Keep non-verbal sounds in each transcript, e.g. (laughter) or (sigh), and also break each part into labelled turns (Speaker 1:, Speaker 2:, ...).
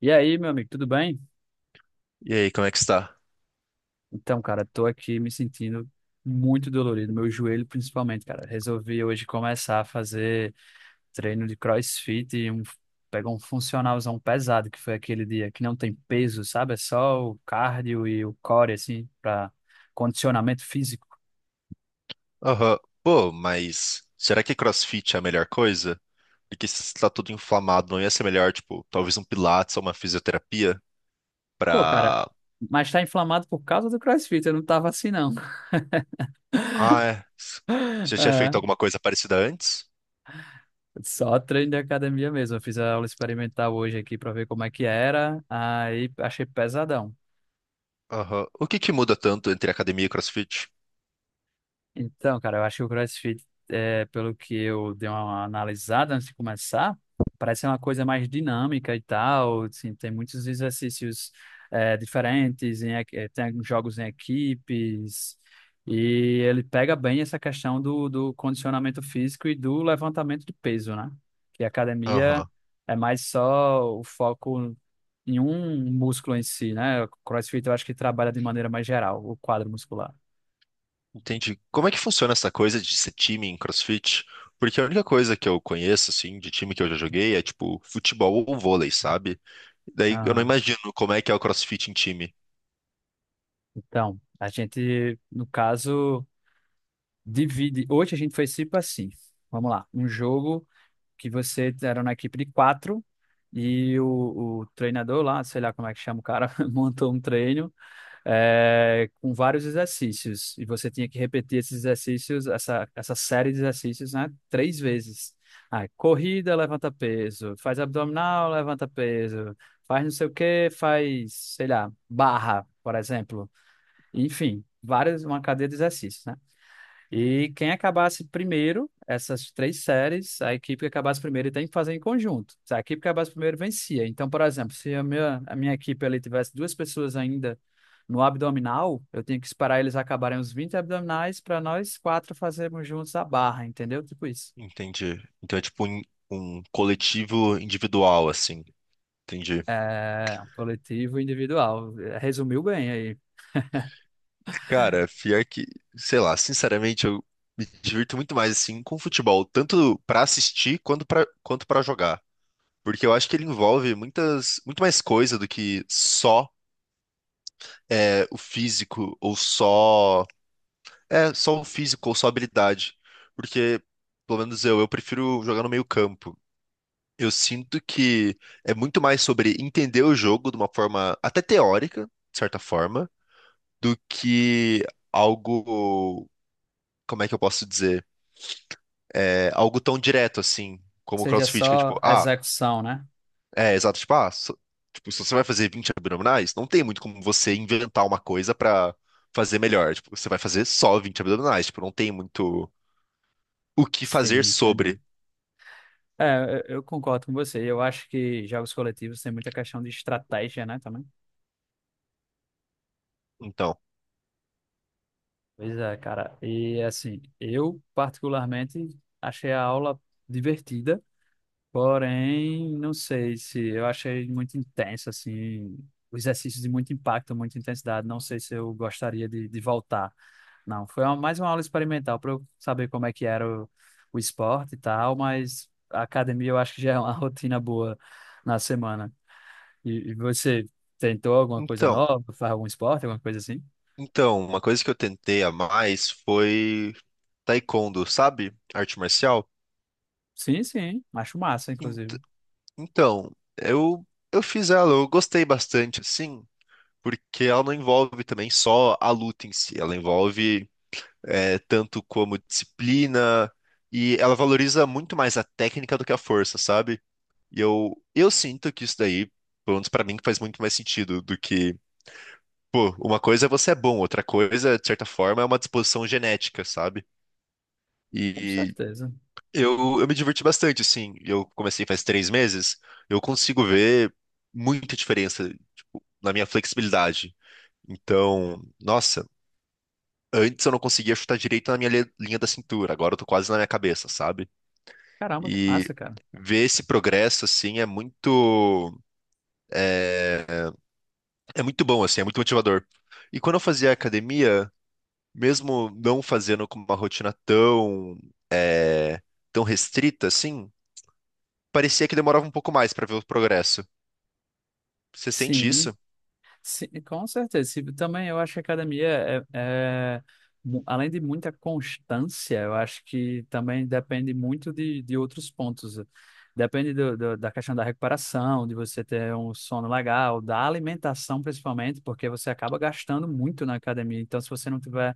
Speaker 1: E aí, meu amigo, tudo bem?
Speaker 2: E aí, como é que está?
Speaker 1: Então, cara, tô aqui me sentindo muito dolorido, meu joelho principalmente, cara. Resolvi hoje começar a fazer treino de CrossFit pegar um funcionalzão pesado, que foi aquele dia que não tem peso, sabe? É só o cardio e o core, assim, pra condicionamento físico.
Speaker 2: Aham. Pô, mas será que CrossFit é a melhor coisa? Porque se está tudo inflamado, não ia ser melhor, tipo, talvez um pilates ou uma fisioterapia
Speaker 1: Pô, cara,
Speaker 2: pra...
Speaker 1: mas tá inflamado por causa do CrossFit, eu não tava assim, não.
Speaker 2: Ah, é.
Speaker 1: (laughs)
Speaker 2: Você já tinha feito
Speaker 1: É,
Speaker 2: alguma coisa parecida antes?
Speaker 1: só treino de academia mesmo. Eu fiz a aula experimental hoje aqui pra ver como é que era, aí achei pesadão.
Speaker 2: Aham. O que que muda tanto entre academia e CrossFit?
Speaker 1: Então, cara, eu acho que o CrossFit, pelo que eu dei uma analisada antes de começar, parece ser uma coisa mais dinâmica e tal. Assim, tem muitos exercícios, diferentes, tem jogos em equipes, e ele pega bem essa questão do condicionamento físico e do levantamento de peso, né? Que a academia
Speaker 2: Aham.
Speaker 1: é mais só o foco em um músculo em si, né? O CrossFit eu acho que trabalha de maneira mais geral, o quadro muscular.
Speaker 2: Entendi. Como é que funciona essa coisa de ser time em CrossFit? Porque a única coisa que eu conheço, assim, de time que eu já joguei é, tipo, futebol ou vôlei, sabe? Daí eu não imagino como é que é o CrossFit em time.
Speaker 1: Então, a gente, no caso, divide. Hoje a gente foi tipo assim. Vamos lá. Um jogo que você era na equipe de quatro e o treinador lá, sei lá como é que chama o cara, (laughs) montou um treino com vários exercícios. E você tinha que repetir esses exercícios, essa série de exercícios, né? Três vezes. Ah, corrida, levanta peso. Faz abdominal, levanta peso. Faz não sei o que, faz, sei lá, barra, por exemplo. Enfim, várias, uma cadeia de exercícios, né? E quem acabasse primeiro, essas três séries, a equipe que acabasse primeiro tem que fazer em conjunto. Se a equipe que acabasse primeiro vencia. Então, por exemplo, se a minha equipe ali tivesse duas pessoas ainda no abdominal, eu tinha que esperar eles acabarem os 20 abdominais para nós quatro fazermos juntos a barra, entendeu? Tipo isso.
Speaker 2: Entendi. Então é tipo um coletivo individual, assim. Entendi.
Speaker 1: É, coletivo e individual. Resumiu bem aí.
Speaker 2: Cara, pior que, sei lá, sinceramente, eu me divirto muito mais assim com futebol, tanto pra assistir quanto pra quanto para jogar, porque eu acho que ele envolve muitas muito mais coisa do que só é, o físico ou só o físico ou só a habilidade, porque pelo menos eu prefiro jogar no meio campo. Eu sinto que é muito mais sobre entender o jogo de uma forma até teórica, de certa forma, do que algo, como é que eu posso dizer? É algo tão direto assim, como o
Speaker 1: Seja
Speaker 2: CrossFit, que é tipo,
Speaker 1: só
Speaker 2: ah,
Speaker 1: execução, né?
Speaker 2: é exato, tipo, ah, tipo, se você vai fazer 20 abdominais, não tem muito como você inventar uma coisa pra fazer melhor. Tipo, você vai fazer só 20 abdominais, tipo, não tem muito o que fazer
Speaker 1: Sim,
Speaker 2: sobre.
Speaker 1: entendi. É, eu concordo com você. Eu acho que jogos coletivos tem muita questão de estratégia, né, também.
Speaker 2: Então,
Speaker 1: Pois é, cara. E assim, eu particularmente achei a aula divertida, porém, não sei se eu achei muito intenso, assim, o exercício de muito impacto, muita intensidade. Não sei se eu gostaria de voltar. Não, foi uma- mais uma aula experimental para eu saber como é que era o esporte e tal, mas a academia eu acho que já é uma (laughs) rotina boa na semana. E você tentou alguma coisa
Speaker 2: então,
Speaker 1: nova? Faz algum esporte, alguma coisa assim?
Speaker 2: então, uma coisa que eu tentei a mais foi taekwondo, sabe? Arte marcial.
Speaker 1: Sim, sim. Acho massa,
Speaker 2: Ent-
Speaker 1: inclusive.
Speaker 2: Então, eu eu fiz ela, eu gostei bastante, assim, porque ela não envolve também só a luta em si, ela envolve é, tanto como disciplina e ela valoriza muito mais a técnica do que a força, sabe? E eu sinto que isso daí, pelo menos pra mim, que faz muito mais sentido do que pô, uma coisa é você é bom, outra coisa, de certa forma, é uma disposição genética, sabe?
Speaker 1: Com
Speaker 2: E
Speaker 1: certeza.
Speaker 2: eu me diverti bastante, assim. Eu comecei faz 3 meses. Eu consigo ver muita diferença na minha flexibilidade. Então, nossa, antes eu não conseguia chutar direito na minha linha da cintura. Agora eu tô quase na minha cabeça, sabe?
Speaker 1: Caramba, que
Speaker 2: E
Speaker 1: massa, cara.
Speaker 2: ver esse progresso, assim, é é muito bom, assim, é muito motivador. E quando eu fazia academia, mesmo não fazendo com uma rotina tão restrita, assim, parecia que demorava um pouco mais pra ver o progresso. Você sente
Speaker 1: Sim,
Speaker 2: isso?
Speaker 1: sim, com certeza. Se- Também eu acho que a academia é, além de muita constância, eu acho que também depende muito de outros pontos. Depende da questão da recuperação, de você ter um sono legal, da alimentação principalmente, porque você acaba gastando muito na academia. Então, se você não tiver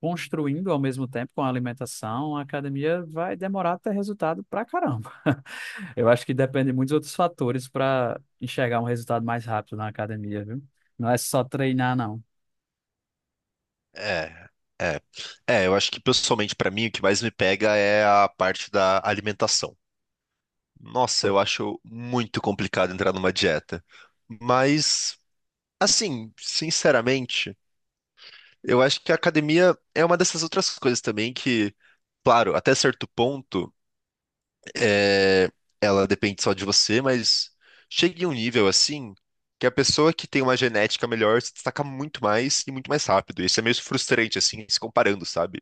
Speaker 1: construindo ao mesmo tempo com a alimentação, a academia vai demorar a ter resultado pra caramba. (laughs) Eu acho que depende de muitos outros fatores para enxergar um resultado mais rápido na academia, viu? Não é só treinar, não.
Speaker 2: É, é. É, eu acho que pessoalmente pra mim o que mais me pega é a parte da alimentação. Nossa,
Speaker 1: Pô.
Speaker 2: eu acho muito complicado entrar numa dieta. Mas, assim, sinceramente, eu acho que a academia é uma dessas outras coisas também que, claro, até certo ponto, é, ela depende só de você, mas chega em um nível assim que a pessoa que tem uma genética melhor se destaca muito mais e muito mais rápido. Isso é meio frustrante, assim, se comparando, sabe?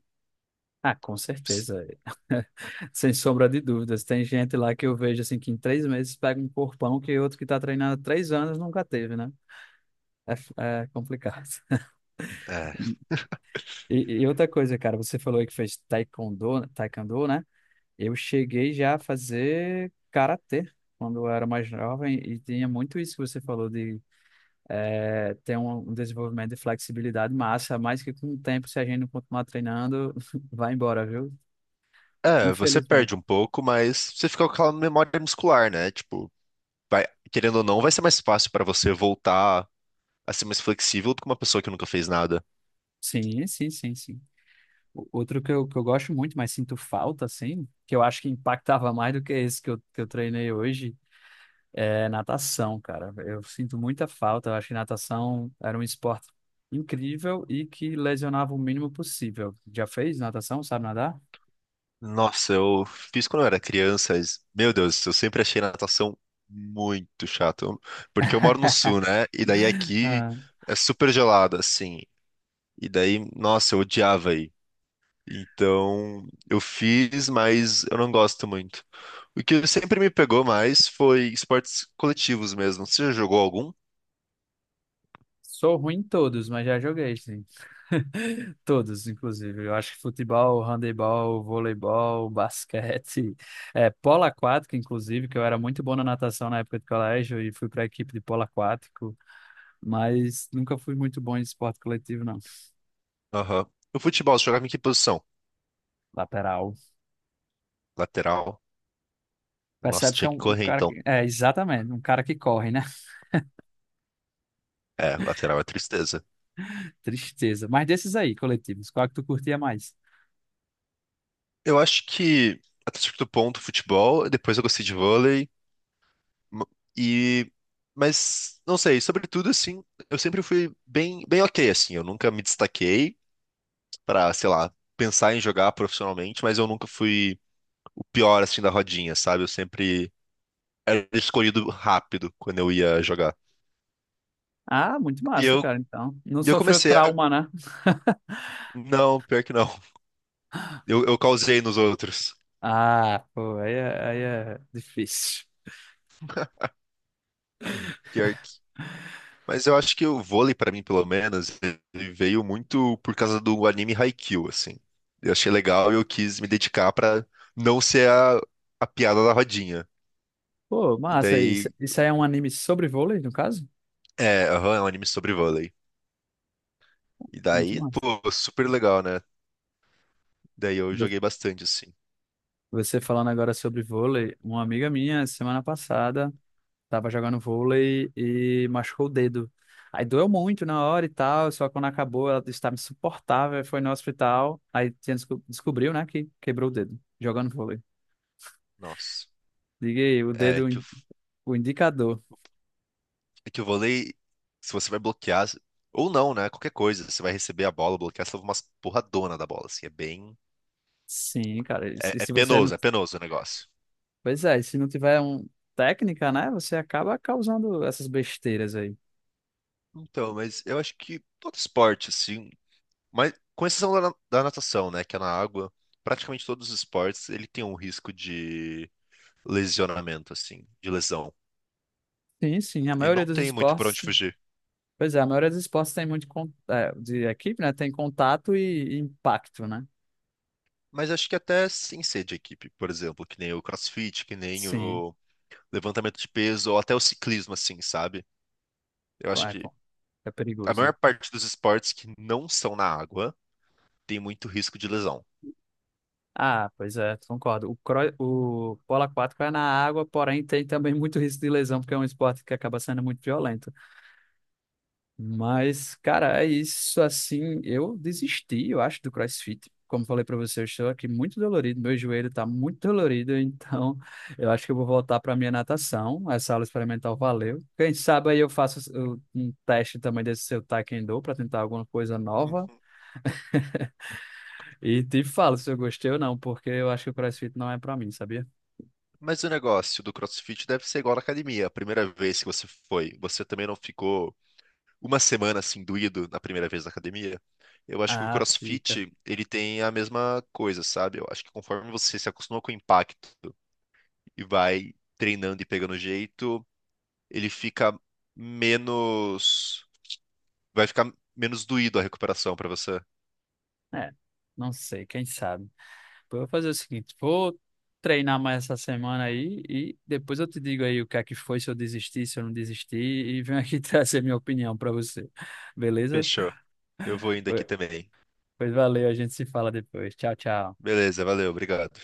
Speaker 1: Ah, com certeza. (laughs) Sem sombra de dúvidas. Tem gente lá que eu vejo assim que em três meses pega um corpão que outro que tá treinando há três anos nunca teve, né? É, é complicado. (laughs)
Speaker 2: É.
Speaker 1: E, e outra coisa, cara, você falou aí que fez taekwondo, né? Eu cheguei já a fazer karatê quando eu era mais jovem e tinha muito isso que você falou de ter um desenvolvimento de flexibilidade massa, mas que com o tempo, se a gente não continuar treinando, (laughs) vai embora, viu?
Speaker 2: É, você
Speaker 1: Infelizmente.
Speaker 2: perde um pouco, mas você fica com aquela memória muscular, né? Tipo, vai, querendo ou não, vai ser mais fácil pra você voltar a ser mais flexível do que uma pessoa que nunca fez nada.
Speaker 1: Sim, sim, sim, sim. O- Outro que eu gosto muito, mas sinto falta, assim, que eu acho que impactava mais do que esse que eu treinei hoje é natação, cara. Eu sinto muita falta. Eu acho que natação era um esporte incrível e que lesionava o mínimo possível. Já fez natação? Sabe nadar?
Speaker 2: Nossa, eu fiz quando eu era criança, mas, meu Deus, eu sempre achei natação muito chata. Eu... porque eu moro no sul, né? E daí aqui
Speaker 1: Ah,
Speaker 2: é super gelado, assim. E daí, nossa, eu odiava. Então, eu fiz, mas eu não gosto muito. O que sempre me pegou mais foi esportes coletivos mesmo. Você já jogou algum?
Speaker 1: sou ruim em todos, mas já joguei, sim. (laughs) Todos, inclusive. Eu acho que futebol, handebol, voleibol, basquete, (laughs) é, polo aquático, inclusive, que eu era muito bom na natação na época de colégio e fui para a equipe de polo aquático, mas nunca fui muito bom em esporte coletivo, não.
Speaker 2: Aham. O futebol, você jogava em que posição?
Speaker 1: Lateral.
Speaker 2: Lateral? Nossa,
Speaker 1: Percebe-se que
Speaker 2: tinha
Speaker 1: é
Speaker 2: que
Speaker 1: um
Speaker 2: correr
Speaker 1: cara
Speaker 2: então.
Speaker 1: que. É, exatamente, um cara que corre, né?
Speaker 2: É, lateral é tristeza.
Speaker 1: (laughs) Tristeza. Mas desses aí, coletivos, qual é que tu curtia mais?
Speaker 2: Eu acho que até certo ponto futebol, depois eu gostei de vôlei m- e mas não sei, sobretudo assim, eu sempre fui bem ok assim, eu nunca me destaquei pra, sei lá, pensar em jogar profissionalmente, mas eu nunca fui o pior assim da rodinha, sabe? Eu sempre era escolhido rápido quando eu ia jogar.
Speaker 1: Ah, muito
Speaker 2: E
Speaker 1: massa,
Speaker 2: eu
Speaker 1: cara, então. Não
Speaker 2: e eu
Speaker 1: sofreu
Speaker 2: comecei a
Speaker 1: trauma, né?
Speaker 2: não, pior que não. Eu causei nos outros.
Speaker 1: Ah, pô, aí é difícil.
Speaker 2: Pior que mas eu acho que o vôlei, pra mim, pelo menos, ele veio muito por causa do anime Haikyuu, assim. Eu achei legal e eu quis me dedicar pra não ser a piada da rodinha.
Speaker 1: Pô,
Speaker 2: E
Speaker 1: massa,
Speaker 2: daí,
Speaker 1: isso aí é um anime sobre vôlei, no caso?
Speaker 2: é, aham, é um anime sobre vôlei. E
Speaker 1: Muito
Speaker 2: daí,
Speaker 1: massa.
Speaker 2: pô, super legal, né? Daí eu
Speaker 1: Vo-
Speaker 2: joguei bastante, assim.
Speaker 1: Você falando agora sobre vôlei, uma amiga minha, semana passada. Tava jogando vôlei e machucou o dedo. Aí doeu muito na hora e tal, só que quando acabou ela estava insuportável, foi no hospital, aí tinha descobriu, né, que quebrou o dedo jogando vôlei.
Speaker 2: Nossa.
Speaker 1: Diga aí, o
Speaker 2: É,
Speaker 1: dedo,
Speaker 2: que
Speaker 1: o indicador.
Speaker 2: É que o vôlei, se você vai bloquear, ou não, né? Qualquer coisa, você vai receber a bola, bloquear, você leva umas porradona da bola, assim, é bem.
Speaker 1: Sim, cara,
Speaker 2: É,
Speaker 1: e se você não...
Speaker 2: é penoso o negócio.
Speaker 1: Pois é, e se não tiver um técnica, né, você acaba causando essas besteiras aí.
Speaker 2: Então, mas eu acho que todo esporte, assim, mas com exceção da natação, né? Que é na água, praticamente todos os esportes, ele tem um risco de lesionamento, assim, de lesão.
Speaker 1: Sim, sim, a
Speaker 2: E
Speaker 1: maioria
Speaker 2: não
Speaker 1: dos
Speaker 2: tem muito pra
Speaker 1: esportes...
Speaker 2: onde fugir.
Speaker 1: Pois é, a maioria dos esportes tem muito... é, de equipe, né, tem contato e impacto, né?
Speaker 2: Mas acho que até sem ser de equipe, por exemplo, que nem o CrossFit, que nem
Speaker 1: Sim,
Speaker 2: o levantamento de peso, ou até o ciclismo, assim, sabe? Eu acho que
Speaker 1: é, é
Speaker 2: a
Speaker 1: perigoso,
Speaker 2: maior
Speaker 1: né?
Speaker 2: parte dos esportes que não são na água tem muito risco de lesão.
Speaker 1: Ah, pois é, concordo. O polo aquático é na água, porém tem também muito risco de lesão, porque é um esporte que acaba sendo muito violento. Mas, cara, é isso assim. Eu desisti, eu acho, do CrossFit. Como falei pra você, eu estou aqui muito dolorido, meu joelho tá muito dolorido, então (laughs) eu acho que eu vou voltar pra minha natação. Essa aula experimental valeu. Quem sabe aí eu faço um teste também desse seu taekwondo pra tentar alguma coisa nova
Speaker 2: Uhum.
Speaker 1: e te falo se eu gostei ou não, porque eu acho que o CrossFit não é pra mim, sabia?
Speaker 2: Mas o negócio do CrossFit deve ser igual na academia. A primeira vez que você foi, você também não ficou uma semana assim doído na primeira vez na academia? Eu acho que o
Speaker 1: Ah, fica.
Speaker 2: CrossFit, ele tem a mesma coisa, sabe? Eu acho que conforme você se acostuma com o impacto e vai treinando e pegando jeito, ele fica menos. Vai ficar menos doído a recuperação pra você.
Speaker 1: É, não sei, quem sabe. Eu vou fazer o seguinte, vou treinar mais essa semana aí e depois eu te digo aí o que é que foi, se eu desisti, se eu não desisti e venho aqui (laughs) trazer minha opinião para você. Beleza?
Speaker 2: Fechou. Eu vou indo aqui
Speaker 1: Pois
Speaker 2: também.
Speaker 1: Pois valeu, a gente se fala depois. Tchau, tchau.
Speaker 2: Beleza, valeu, obrigado.